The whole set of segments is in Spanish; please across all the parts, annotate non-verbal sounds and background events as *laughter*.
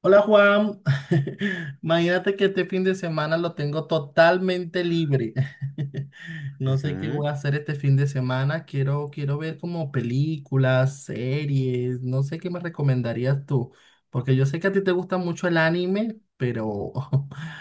Hola Juan, *laughs* imagínate que este fin de semana lo tengo totalmente libre. *laughs* No sé qué Ujú. voy a *laughs* hacer este fin de semana. Quiero ver como películas, series. No sé qué me recomendarías tú, porque yo sé que a ti te gusta mucho el anime, pero *laughs*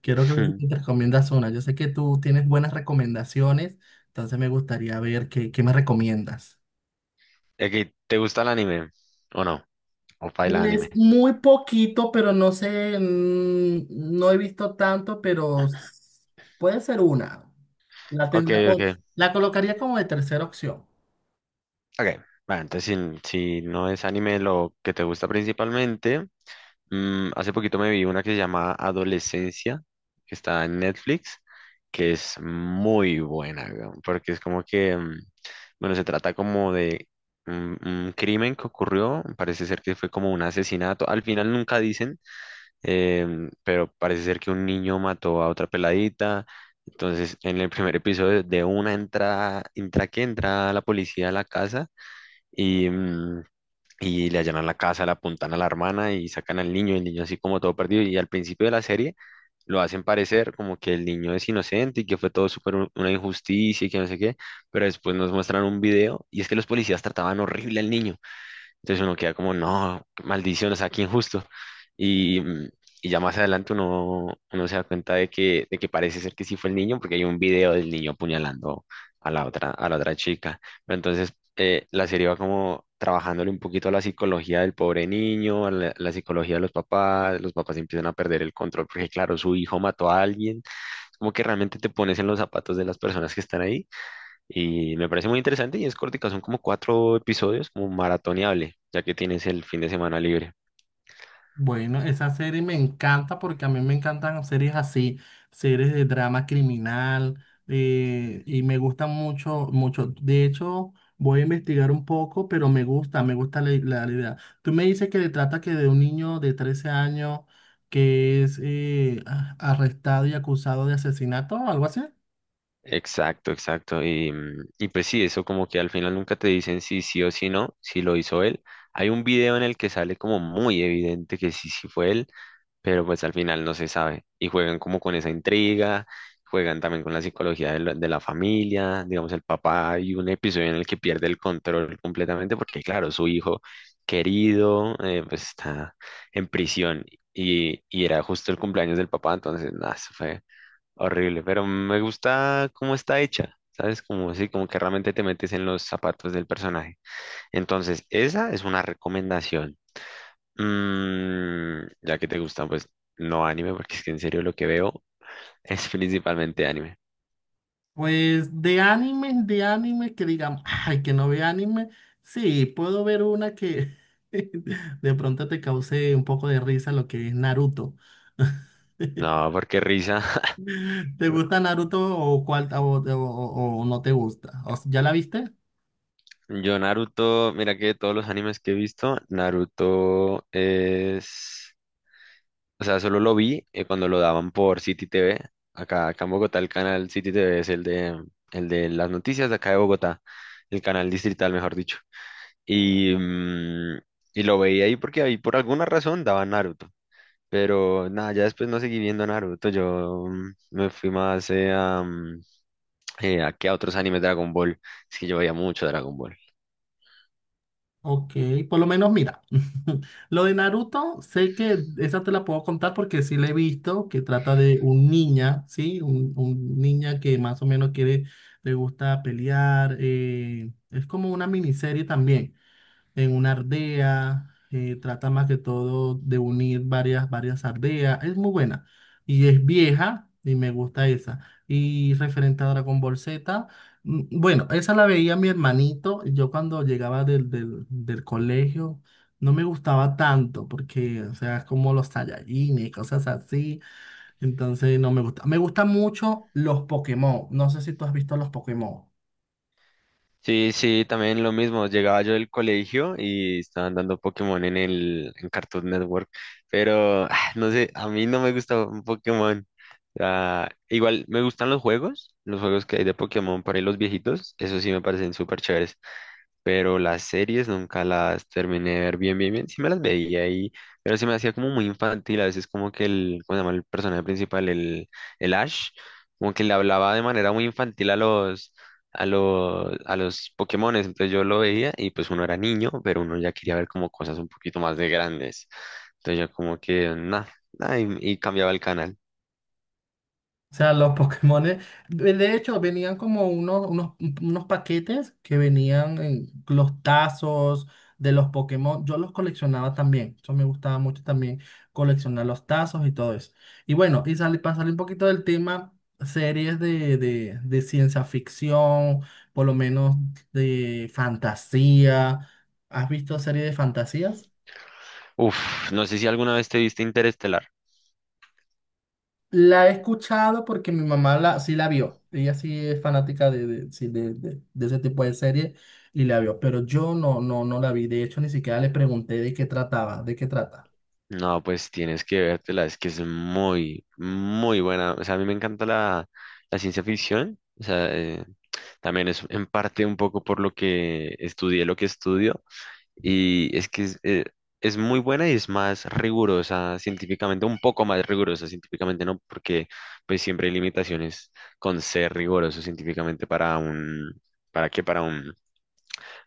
quiero que me Hmm. te recomiendas una. Yo sé que tú tienes buenas recomendaciones, entonces me gustaría ver qué me recomiendas. Ok, ¿te gusta el anime? ¿O no? ¿O baila anime? Pues muy poquito, pero no sé, no he visto tanto, pero puede ser una. La Ok, tendría, ok. la colocaría como de tercera opción. Ok. Bueno, entonces si no es anime lo que te gusta principalmente, hace poquito me vi una que se llama Adolescencia, que está en Netflix, que es muy buena, weón, porque es como que, bueno, se trata como de un crimen que ocurrió, parece ser que fue como un asesinato, al final nunca dicen. Pero parece ser que un niño mató a otra peladita. Entonces, en el primer episodio, de una entrada, entra la policía a la casa y, y le allanan la casa, le apuntan a la hermana y sacan al niño, el niño así como todo perdido. Y al principio de la serie lo hacen parecer como que el niño es inocente y que fue todo súper una injusticia y que no sé qué, pero después nos muestran un video y es que los policías trataban horrible al niño. Entonces uno queda como, no, qué maldición, o sea, qué injusto. Y, y ya más adelante uno se da cuenta de que parece ser que sí fue el niño, porque hay un video del niño apuñalando a la otra chica. Pero entonces la serie va como trabajándole un poquito a la psicología del pobre niño, la psicología de los papás empiezan a perder el control, porque claro, su hijo mató a alguien. Como que realmente te pones en los zapatos de las personas que están ahí y me parece muy interesante y es cortica, son como cuatro episodios, como maratoneable, ya que tienes el fin de semana libre. Bueno, esa serie me encanta porque a mí me encantan series así, series de drama criminal, y me gustan mucho, mucho. De hecho, voy a investigar un poco, pero me gusta la idea. Tú me dices que le trata que de un niño de 13 años que es arrestado y acusado de asesinato o algo así. Exacto, exacto. Y, y pues sí, eso como que al final nunca te dicen si sí o si no, si lo hizo él. Hay un video en el que sale como muy evidente que sí, sí fue él, pero pues al final no se sabe. Y juegan como con esa intriga, juegan también con la psicología de la familia, digamos el papá, hay un episodio en el que pierde el control completamente porque claro, su hijo querido pues está en prisión y era justo el cumpleaños del papá, entonces nada, eso fue horrible, pero me gusta cómo está hecha. ¿Sabes? Como así, como que realmente te metes en los zapatos del personaje. Entonces, esa es una recomendación. Mm, ya que te gustan, pues no anime, porque es que en serio lo que veo *laughs* es principalmente anime. Pues de anime, que digamos, ay, que no ve anime. Sí, puedo ver una que *laughs* de pronto te cause un poco de risa lo que es Naruto. *laughs* No, porque risa. *laughs* ¿Te gusta Naruto o cuál o no te gusta? ¿Ya la viste? Yo Naruto, mira que de todos los animes que he visto, Naruto es... O sea, solo lo vi cuando lo daban por City TV. Acá en Bogotá el canal City TV es el de las noticias de acá de Bogotá, el canal distrital, mejor dicho. Y, y lo veía ahí porque ahí por alguna razón daban Naruto. Pero nada, ya después no seguí viendo Naruto. Yo me fui más a, mm, a, que a otros animes de Dragon Ball. Es que yo veía mucho Dragon Ball. Ok, por lo menos mira, *laughs* lo de Naruto, sé que esa te la puedo contar porque sí la he visto, que trata de un niña, ¿sí? Un niña que más o menos quiere, le gusta pelear, es como una miniserie también en una ardea, trata más que todo de unir varias ardeas, es muy buena y es vieja y me gusta esa. Y referente a Dragon Ball Z, bueno, esa la veía mi hermanito, y yo cuando llegaba del colegio. No me gustaba tanto porque, o sea, es como los Saiyajines, cosas así. Entonces, no me gusta. Me gustan mucho los Pokémon. No sé si tú has visto los Pokémon. Sí, sí, también lo mismo. Llegaba yo del colegio y estaban dando Pokémon en el en Cartoon Network. Pero no sé, a mí no me gusta un Pokémon. Ah, igual me gustan los juegos que hay de Pokémon para los viejitos. Eso sí me parecen súper chéveres. Pero las series nunca las terminé de ver bien, bien, bien. Sí me las veía ahí, pero se me hacía como muy infantil. A veces como que el, ¿cómo se llama el personaje principal? El Ash, como que le hablaba de manera muy infantil a los, a los Pokémones. Entonces yo lo veía y pues uno era niño, pero uno ya quería ver como cosas un poquito más de grandes. Entonces yo como que, nada, y cambiaba el canal. O sea, los Pokémones, de hecho, venían como unos paquetes que venían en los tazos de los Pokémon. Yo los coleccionaba también. Eso me gustaba mucho también, coleccionar los tazos y todo eso. Y bueno, y sale, para salir un poquito del tema, series de ciencia ficción, por lo menos de fantasía. ¿Has visto series de fantasías? Uf, no sé si alguna vez te viste Interestelar. La he escuchado porque mi mamá sí la vio. Ella sí es fanática sí, de ese tipo de serie y la vio. Pero yo no, no, no la vi. De hecho, ni siquiera le pregunté de qué trataba, de qué trata. No, pues tienes que vértela, es que es muy, muy buena. O sea, a mí me encanta la ciencia ficción. O sea, también es en parte un poco por lo que estudié, lo que estudio. Y es que es muy buena y es más rigurosa científicamente, un poco más rigurosa científicamente, ¿no? Porque pues siempre hay limitaciones con ser riguroso científicamente para un, ¿para qué? Para un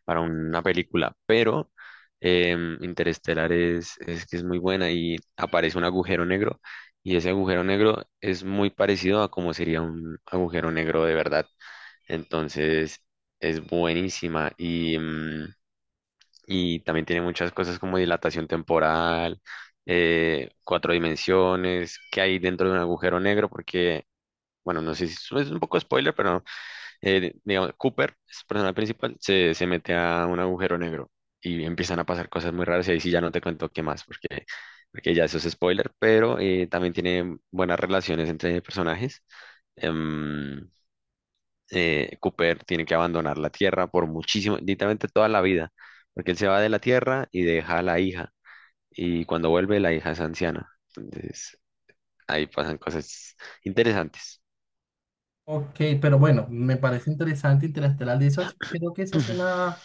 para una película, pero Interestelar es que es muy buena y aparece un agujero negro y ese agujero negro es muy parecido a como sería un agujero negro de verdad. Entonces es buenísima y, y también tiene muchas cosas como dilatación temporal, cuatro dimensiones, qué hay dentro de un agujero negro, porque, bueno, no sé si es un poco spoiler, pero digamos, Cooper, es el personaje principal, se mete a un agujero negro y empiezan a pasar cosas muy raras y ahí sí ya no te cuento qué más, porque, porque ya eso es spoiler, pero también tiene buenas relaciones entre personajes. Em, Cooper tiene que abandonar la Tierra por muchísimo, literalmente toda la vida, porque él se va de la Tierra y deja a la hija, y cuando vuelve la hija es anciana. Entonces, ahí pasan cosas interesantes. Ok, pero bueno, me parece interesante Interestelar. De hecho, creo que esa es *laughs* una,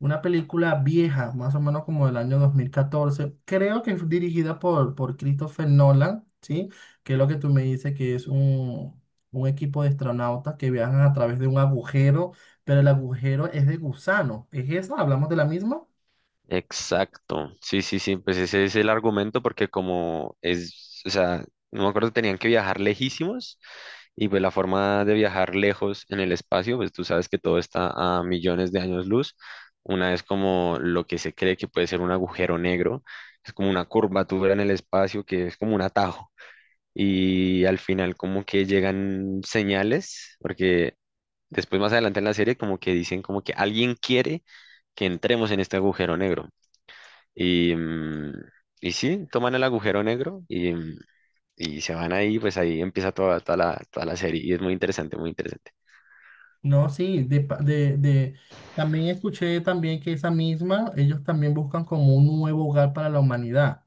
una película vieja, más o menos como del año 2014. Creo que fue dirigida por Christopher Nolan, ¿sí? Que es lo que tú me dices, que es un equipo de astronautas que viajan a través de un agujero, pero el agujero es de gusano. ¿Es esa? ¿Hablamos de la misma? Exacto, sí, sí, sí, pues ese es el argumento porque como es, o sea, no me acuerdo, tenían que viajar lejísimos y pues la forma de viajar lejos en el espacio, pues tú sabes que todo está a millones de años luz, una es como lo que se cree que puede ser un agujero negro, es como una curvatura en el espacio que es como un atajo y al final como que llegan señales, porque después más adelante en la serie como que dicen como que alguien quiere que entremos en este agujero negro. Y, y sí, toman el agujero negro y, y se van ahí, pues ahí empieza toda la serie y es muy interesante, muy interesante. No, sí, de, pa- de- también escuché también que esa misma, ellos también buscan como un nuevo hogar para la humanidad.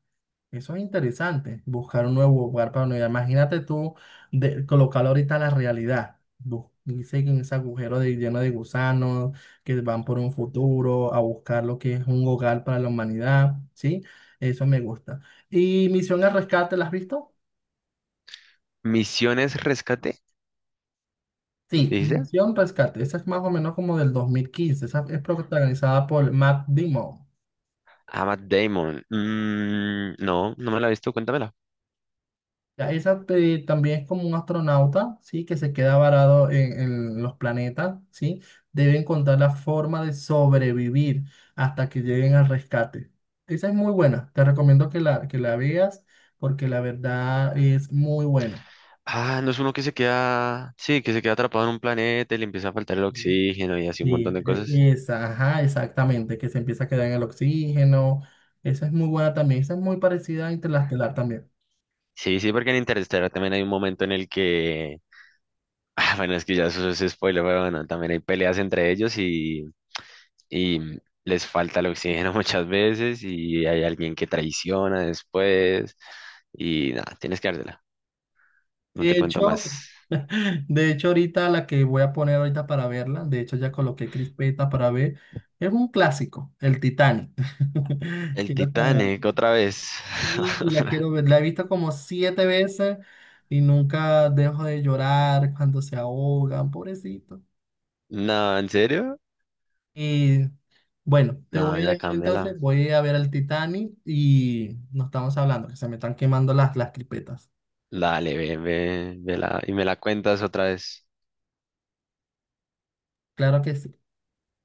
Eso es interesante, buscar un nuevo lugar para unidad. Imagínate tú colocarlo ahorita a la realidad. Dice que en ese agujero lleno de gusanos que van por un futuro a buscar lo que es un hogar para la humanidad, ¿sí? Eso me gusta. ¿Y Misión al Rescate, la has visto? Misiones Rescate, Sí, dice. Misión Rescate, esa es más o menos como del 2015, esa es protagonizada por Matt Damon. Ah, Matt Damon. Mm, no, no me la he visto, cuéntamela. Ya, esa también es como un astronauta, ¿sí? Que se queda varado en los planetas, ¿sí? Debe encontrar la forma de sobrevivir hasta que lleguen al rescate. Esa es muy buena. Te recomiendo que que la veas porque la verdad es muy buena. Ah, no es uno que se queda, sí, que se queda atrapado en un planeta y le empieza a faltar el oxígeno y así un montón Sí, de cosas. esa, ajá, exactamente. Que se empieza a quedar en el oxígeno. Esa es muy buena también. Esa es muy parecida a Interestelar también. Sí, sí, porque en Interstellar también hay un momento en el que, *laughs* ah, bueno, es que ya eso es spoiler, pero bueno, también hay peleas entre ellos y les falta el oxígeno *laughs* muchas veces y hay alguien que traiciona después y nada, tienes que dártela. No te De cuento hecho, más. De hecho, ahorita la que voy a poner ahorita para verla, de hecho ya coloqué crispeta para ver, es un clásico, el Titanic. *laughs* El Quiero como, Titanic, otra vez. y la *laughs* quiero ver, la he visto como siete veces y nunca dejo de llorar cuando se ahogan, pobrecito. No, ¿en serio? Y bueno, te voy No, a ya dejar cámbiala. entonces, voy a ver el Titanic y nos estamos hablando, que se me están quemando las crispetas. Dale, ve, ve, vela y me la cuentas otra vez. Claro que sí.